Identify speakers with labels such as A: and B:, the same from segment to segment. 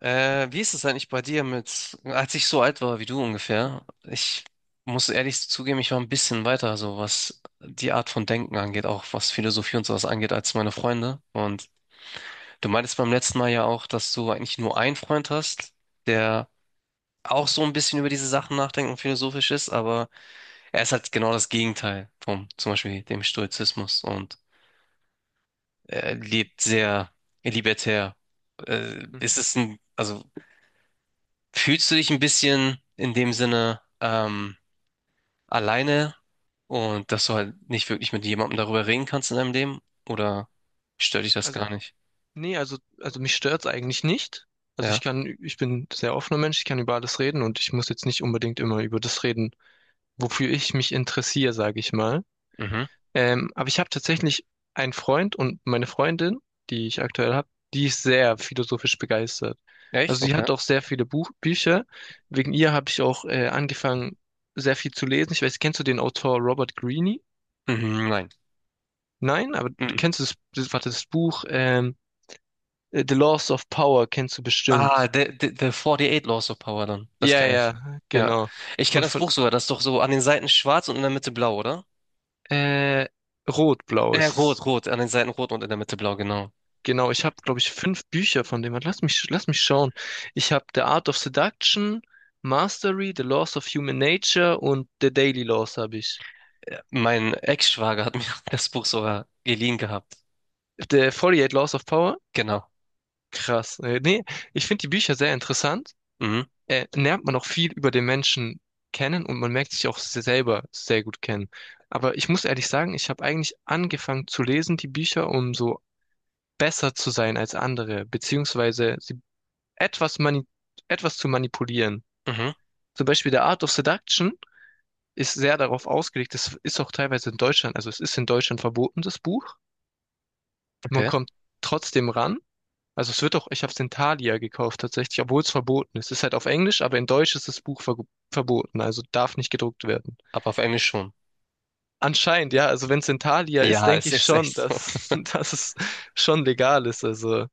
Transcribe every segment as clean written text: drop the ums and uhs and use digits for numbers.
A: Wie ist es eigentlich bei dir mit, als ich so alt war wie du ungefähr? Ich muss ehrlich zugeben, ich war ein bisschen weiter, so was die Art von Denken angeht, auch was Philosophie und sowas angeht, als meine Freunde. Und du meintest beim letzten Mal ja auch, dass du eigentlich nur einen Freund hast, der auch so ein bisschen über diese Sachen nachdenkt und philosophisch ist, aber er ist halt genau das Gegenteil vom, zum Beispiel dem Stoizismus, und er lebt sehr libertär. Äh,
B: Hm.
A: ist es ein, also fühlst du dich ein bisschen in dem Sinne alleine, und dass du halt nicht wirklich mit jemandem darüber reden kannst in deinem Leben? Oder stört dich das
B: Also,
A: gar nicht?
B: nee, also, also mich stört's eigentlich nicht. Also
A: Ja.
B: ich bin ein sehr offener Mensch, ich kann über alles reden und ich muss jetzt nicht unbedingt immer über das reden, wofür ich mich interessiere, sage ich mal.
A: Mhm.
B: Aber ich habe tatsächlich einen Freund und meine Freundin, die ich aktuell habe, die ist sehr philosophisch begeistert. Also
A: Echt?
B: sie
A: Okay.
B: hat auch sehr viele Buch Bücher. Wegen ihr habe ich auch angefangen, sehr viel zu lesen. Ich weiß, kennst du den Autor Robert Greene?
A: Mhm, nein.
B: Nein, aber du
A: Mhm.
B: kennst warte, das Buch, The Laws of Power kennst du
A: Ah,
B: bestimmt.
A: The eight Laws of Power dann. Das
B: Ja,
A: kenne ich.
B: ja,
A: Ja.
B: genau.
A: Ich kenne
B: Und
A: das
B: von,
A: Buch sogar. Das ist doch so an den Seiten schwarz und in der Mitte blau, oder?
B: äh, Rot-Blau
A: Äh,
B: ist es.
A: rot, rot. An den Seiten rot und in der Mitte blau, genau.
B: Genau, ich habe, glaube ich, fünf Bücher von dem. Lass mich schauen. Ich habe The Art of Seduction, Mastery, The Laws of Human Nature und The Daily Laws habe ich.
A: Mein Ex-Schwager hat mir das Buch sogar geliehen gehabt.
B: The 48 Laws of Power?
A: Genau.
B: Krass. Nee, ich finde die Bücher sehr interessant.
A: Mhm.
B: Lernt man auch viel über den Menschen kennen und man merkt sich auch selber sehr gut kennen. Aber ich muss ehrlich sagen, ich habe eigentlich angefangen zu lesen, die Bücher, um so besser zu sein als andere, beziehungsweise sie etwas, mani etwas zu manipulieren.
A: Mhm.
B: Zum Beispiel der Art of Seduction ist sehr darauf ausgelegt, das ist auch teilweise in Deutschland, also es ist in Deutschland verboten, das Buch. Man
A: Okay.
B: kommt trotzdem ran. Also es wird doch, ich habe es in Thalia gekauft tatsächlich, obwohl es verboten ist. Es ist halt auf Englisch, aber in Deutsch ist das Buch verboten, also darf nicht gedruckt werden.
A: Aber auf Englisch schon.
B: Anscheinend, ja, also wenn es in Thalia ist,
A: Ja,
B: denke
A: es
B: ich
A: ist
B: schon,
A: echt so.
B: dass, dass es schon legal ist. Also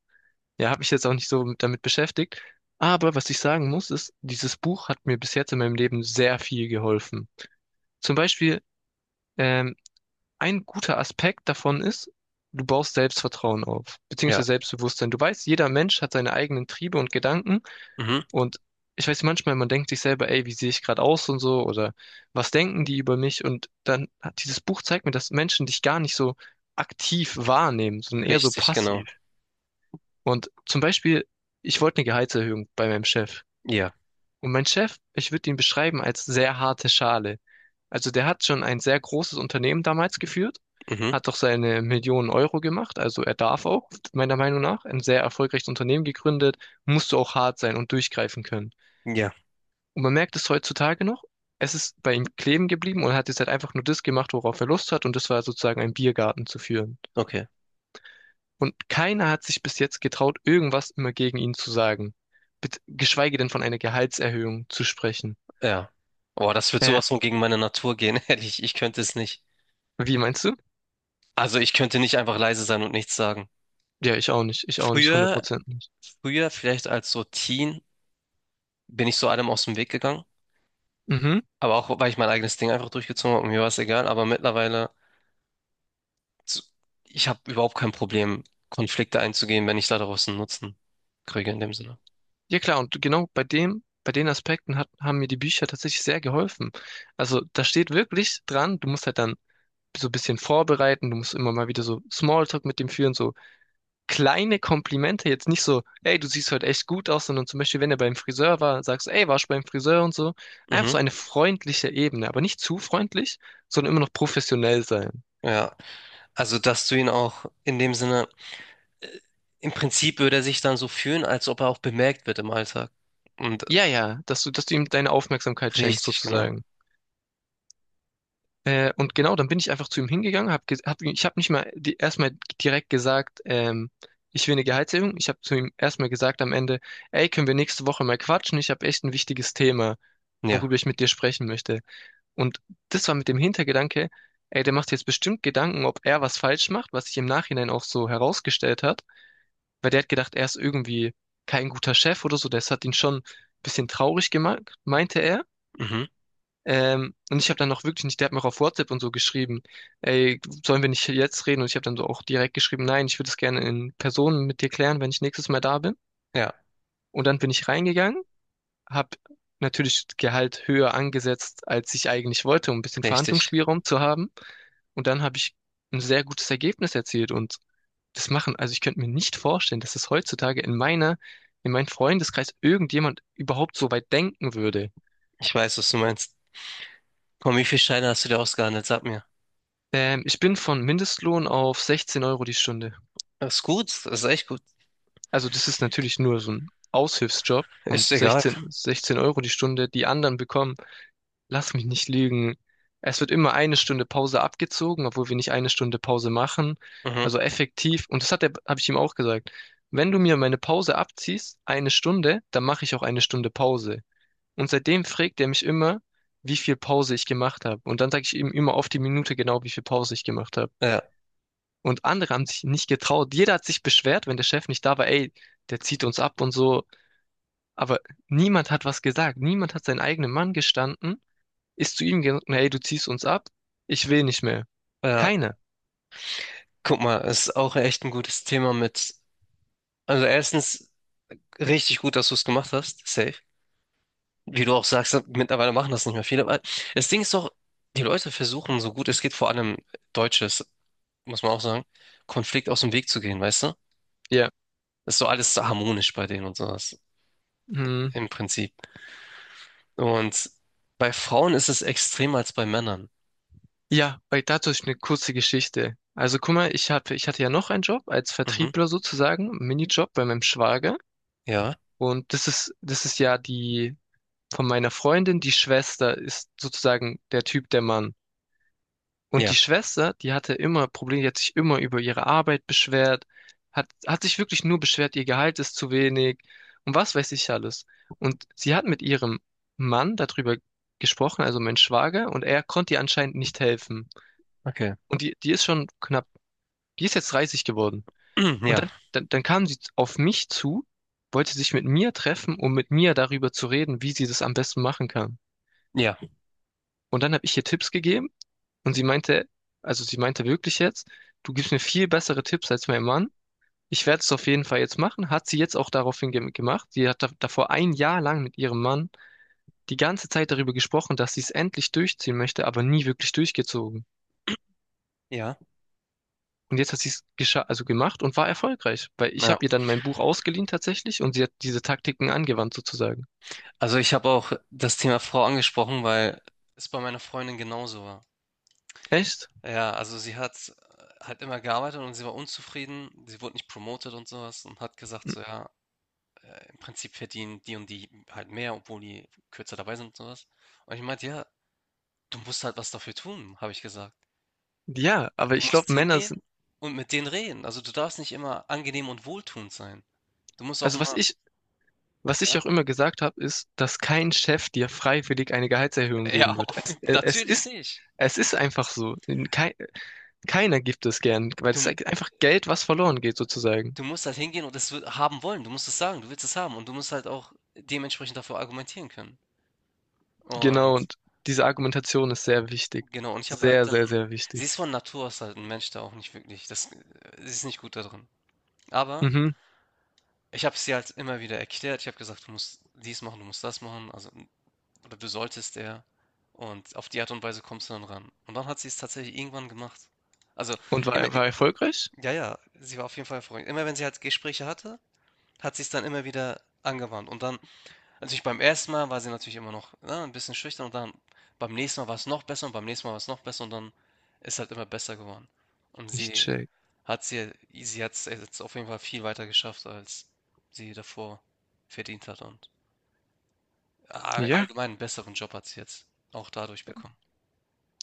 B: ja, habe mich jetzt auch nicht so damit beschäftigt. Aber was ich sagen muss, ist, dieses Buch hat mir bis jetzt in meinem Leben sehr viel geholfen. Zum Beispiel, ähm, ein guter Aspekt davon ist, du baust Selbstvertrauen auf,
A: Ja.
B: beziehungsweise Selbstbewusstsein. Du weißt, jeder Mensch hat seine eigenen Triebe und Gedanken.
A: Mhm.
B: Und ich weiß manchmal, man denkt sich selber, ey, wie sehe ich gerade aus und so, oder was denken die über mich? Und dann hat dieses Buch zeigt mir, dass Menschen dich gar nicht so aktiv wahrnehmen, sondern eher so
A: Richtig, genau.
B: passiv. Und zum Beispiel, ich wollte eine Gehaltserhöhung bei meinem Chef.
A: Ja.
B: Und mein Chef, ich würde ihn beschreiben als sehr harte Schale. Also der hat schon ein sehr großes Unternehmen damals geführt,
A: Mhm.
B: hat doch seine Millionen Euro gemacht, also er darf auch, meiner Meinung nach, ein sehr erfolgreiches Unternehmen gegründet, musst du auch hart sein und durchgreifen können.
A: Ja.
B: Und man merkt es heutzutage noch, es ist bei ihm kleben geblieben und er hat jetzt halt einfach nur das gemacht, worauf er Lust hat, und das war sozusagen einen Biergarten zu führen.
A: Okay.
B: Und keiner hat sich bis jetzt getraut, irgendwas immer gegen ihn zu sagen. Geschweige denn von einer Gehaltserhöhung zu sprechen.
A: Ja. Oh, das wird
B: Äh,
A: sowas von gegen meine Natur gehen, ehrlich. Ich könnte es nicht.
B: wie meinst du?
A: Also ich könnte nicht einfach leise sein und nichts sagen.
B: Ja, ich auch nicht. Ich auch nicht, Hundert
A: Früher,
B: Prozent nicht.
A: früher, vielleicht als so Teen, bin ich so allem aus dem Weg gegangen.
B: Mhm.
A: Aber auch, weil ich mein eigenes Ding einfach durchgezogen habe und mir war es egal. Aber mittlerweile, so- ich habe überhaupt kein Problem, Konflikte einzugehen, wenn ich da draußen Nutzen kriege in dem Sinne.
B: Ja klar, und genau bei dem, bei den Aspekten hat, haben mir die Bücher tatsächlich sehr geholfen. Also da steht wirklich dran, du musst halt dann so ein bisschen vorbereiten, du musst immer mal wieder so Smalltalk mit dem führen, so kleine Komplimente, jetzt nicht so, ey, du siehst heute echt gut aus, sondern zum Beispiel, wenn er beim Friseur war, sagst du, ey, warst du beim Friseur und so. Einfach
A: Mhm.
B: so eine freundliche Ebene, aber nicht zu freundlich, sondern immer noch professionell sein.
A: Ja. Also, dass du ihn auch in dem Sinne. äh, Im Prinzip würde er sich dann so fühlen, als ob er auch bemerkt wird im Alltag. Und
B: Ja, ja, dass du ihm deine Aufmerksamkeit schenkst,
A: richtig, genau.
B: sozusagen. Und genau, dann bin ich einfach zu ihm hingegangen, ich habe nicht mal erstmal direkt gesagt, ich will eine Gehaltserhöhung. Ich habe zu ihm erstmal gesagt am Ende, ey, können wir nächste Woche mal quatschen? Ich habe echt ein wichtiges Thema, worüber
A: Ja,
B: ich mit dir sprechen möchte. Und das war mit dem Hintergedanke, ey, der macht jetzt bestimmt Gedanken, ob er was falsch macht, was sich im Nachhinein auch so herausgestellt hat, weil der hat gedacht, er ist irgendwie kein guter Chef oder so, das hat ihn schon ein bisschen traurig gemacht, meinte er.
A: mhm.
B: Und ich habe dann noch wirklich nicht, der hat mir auch auf WhatsApp und so geschrieben, ey, sollen wir nicht jetzt reden? Und ich habe dann so auch direkt geschrieben, nein, ich würde es gerne in Person mit dir klären, wenn ich nächstes Mal da bin.
A: Ja,
B: Und dann bin ich reingegangen, habe natürlich Gehalt höher angesetzt, als ich eigentlich wollte, um ein bisschen
A: richtig.
B: Verhandlungsspielraum zu haben. Und dann habe ich ein sehr gutes Ergebnis erzielt, und das machen, also ich könnte mir nicht vorstellen, dass es heutzutage in meiner, in meinem Freundeskreis irgendjemand überhaupt so weit denken würde.
A: Ich weiß, was du meinst. Komm, wie viele Steine hast du dir ausgehandelt? Sag mir.
B: Ich bin von Mindestlohn auf 16 Euro die Stunde.
A: Das ist gut, das ist echt gut.
B: Also das ist natürlich nur so ein Aushilfsjob,
A: Ist
B: und
A: egal.
B: 16 Euro die Stunde, die anderen bekommen. Lass mich nicht lügen. Es wird immer eine Stunde Pause abgezogen, obwohl wir nicht eine Stunde Pause machen.
A: Mhm.
B: Also effektiv. Und das hat er, habe ich ihm auch gesagt. Wenn du mir meine Pause abziehst, eine Stunde, dann mache ich auch eine Stunde Pause. Und seitdem fragt er mich immer, wie viel Pause ich gemacht habe. Und dann sage ich ihm immer auf die Minute genau, wie viel Pause ich gemacht habe.
A: Ja,
B: Und andere haben sich nicht getraut. Jeder hat sich beschwert, wenn der Chef nicht da war, ey, der zieht uns ab und so. Aber niemand hat was gesagt. Niemand hat seinen eigenen Mann gestanden, ist zu ihm gegangen, hey, du ziehst uns ab, ich will nicht mehr.
A: ja.
B: Keine.
A: Guck mal, ist auch echt ein gutes Thema mit. Also erstens richtig gut, dass du es gemacht hast. Safe. Wie du auch sagst, mittlerweile machen das nicht mehr viele. Aber das Ding ist doch, die Leute versuchen, so gut es geht, vor allem Deutsches, muss man auch sagen, Konflikt aus dem Weg zu gehen, weißt du?
B: Ja.
A: Ist so alles so harmonisch bei denen und sowas,
B: Hm.
A: im Prinzip. Und bei Frauen ist es extremer als bei Männern.
B: Ja, bei dazu ist eine kurze Geschichte. Also guck mal, ich hatte ja noch einen Job als
A: Mhm.
B: Vertriebler sozusagen, Minijob bei meinem Schwager.
A: Ja,
B: Und das ist ja die von meiner Freundin, die Schwester ist sozusagen der Typ, der Mann. Und die
A: ja,
B: Schwester, die hatte immer Probleme, die hat sich immer über ihre Arbeit beschwert, hat sich wirklich nur beschwert, ihr Gehalt ist zu wenig und was weiß ich alles. Und sie hat mit ihrem Mann darüber gesprochen, also mein Schwager, und er konnte ihr anscheinend nicht helfen.
A: okay.
B: Und die ist schon knapp, die ist jetzt 30 geworden. Und
A: Ja,
B: dann kam sie auf mich zu, wollte sich mit mir treffen, um mit mir darüber zu reden, wie sie das am besten machen kann.
A: ja,
B: Und dann habe ich ihr Tipps gegeben. Und sie meinte, also sie meinte wirklich jetzt, du gibst mir viel bessere Tipps als mein Mann. Ich werde es auf jeden Fall jetzt machen. Hat sie jetzt auch daraufhin ge gemacht. Sie hat da davor ein Jahr lang mit ihrem Mann die ganze Zeit darüber gesprochen, dass sie es endlich durchziehen möchte, aber nie wirklich durchgezogen.
A: ja,
B: Und jetzt hat sie es gescha also gemacht und war erfolgreich, weil ich
A: ja.
B: habe ihr dann mein Buch ausgeliehen tatsächlich, und sie hat diese Taktiken angewandt sozusagen.
A: Also ich habe auch das Thema Frau angesprochen, weil es bei meiner Freundin genauso war.
B: Echt?
A: Ja, also sie hat halt immer gearbeitet und sie war unzufrieden. Sie wurde nicht promoted und sowas und hat gesagt, so ja, im Prinzip verdienen die und die halt mehr, obwohl die kürzer dabei sind und sowas. Und ich meinte, ja, du musst halt was dafür tun, habe ich gesagt.
B: Ja, aber
A: Du
B: ich
A: musst
B: glaube, Männer
A: hingehen
B: sind.
A: und mit denen reden. Also du darfst nicht immer angenehm und wohltuend sein. Du musst auch
B: also was
A: mal,
B: ich Was ich
A: ja,
B: auch immer gesagt habe, ist, dass kein Chef dir freiwillig eine Gehaltserhöhung geben
A: ja,
B: wird.
A: auf-
B: Es, äh, es
A: natürlich
B: ist,
A: nicht.
B: es ist einfach so. Kei, keiner gibt es gern, weil
A: Du,
B: es ist einfach Geld, was verloren geht, sozusagen.
A: du musst halt hingehen und es haben wollen. Du musst es sagen, du willst es haben und du musst halt auch dementsprechend dafür argumentieren können.
B: Genau,
A: Und
B: und diese Argumentation ist sehr wichtig.
A: genau, und ich habe halt
B: Sehr,
A: dann
B: sehr, sehr
A: sie
B: wichtig.
A: ist von Natur aus halt ein Mensch, der auch nicht wirklich das sie ist nicht gut da drin. Aber
B: Mhm.
A: ich habe sie halt immer wieder erklärt. Ich habe gesagt: „Du musst dies machen, du musst das machen, also oder du solltest eher.“ Und auf die Art und Weise kommst du dann ran. Und dann hat sie es tatsächlich irgendwann gemacht. Also,
B: Und
A: immer i
B: war erfolgreich?
A: ja, ja, sie war auf jeden Fall erfolgreich. Immer wenn sie halt Gespräche hatte, hat sie es dann immer wieder angewandt. Und dann natürlich beim ersten Mal war sie natürlich immer noch, ne, 'n bisschen schüchtern, und dann beim nächsten Mal war es noch besser und beim nächsten Mal war es noch besser und dann ist halt immer besser geworden. Und
B: Ich
A: sie
B: check.
A: hat sie sie hat es jetzt auf jeden Fall viel weiter geschafft, als sie davor verdient hat, und a
B: Ja.
A: allgemein einen besseren Job hat sie jetzt auch dadurch bekommen.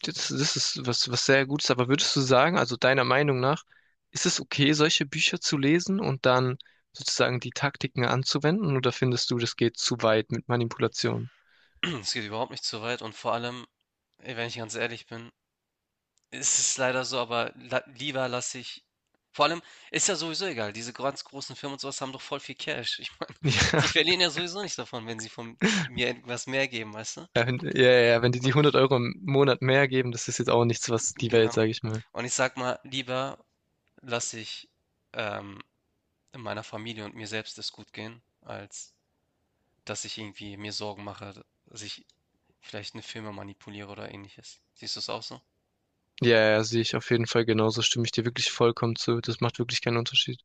B: Das ist was, was sehr Gutes, aber würdest du sagen, also deiner Meinung nach, ist es okay, solche Bücher zu lesen und dann sozusagen die Taktiken anzuwenden, oder findest du, das geht zu weit mit Manipulation?
A: Es geht überhaupt nicht zu weit, und vor allem, ey, wenn ich ganz ehrlich bin, es ist es leider so, aber la lieber lasse ich vor allem ist ja sowieso egal. Diese ganz großen Firmen und sowas haben doch voll viel Cash. Ich meine, die verlieren ja sowieso nicht davon, wenn sie von mir etwas mehr geben, weißt du?
B: Ja, ja, ja, ja, ja, wenn die die
A: Und
B: 100 Euro im Monat mehr geben, das ist jetzt auch nichts, was die Welt,
A: genau.
B: sage ich mal.
A: Und ich sag mal, lieber lasse ich ähm, meiner Familie und mir selbst es gut gehen, als dass ich irgendwie mir Sorgen mache, dass ich vielleicht eine Firma manipuliere oder ähnliches. Siehst du es auch so?
B: Ja, ja, sehe ich auf jeden Fall genauso, stimme ich dir wirklich vollkommen zu. Das macht wirklich keinen Unterschied.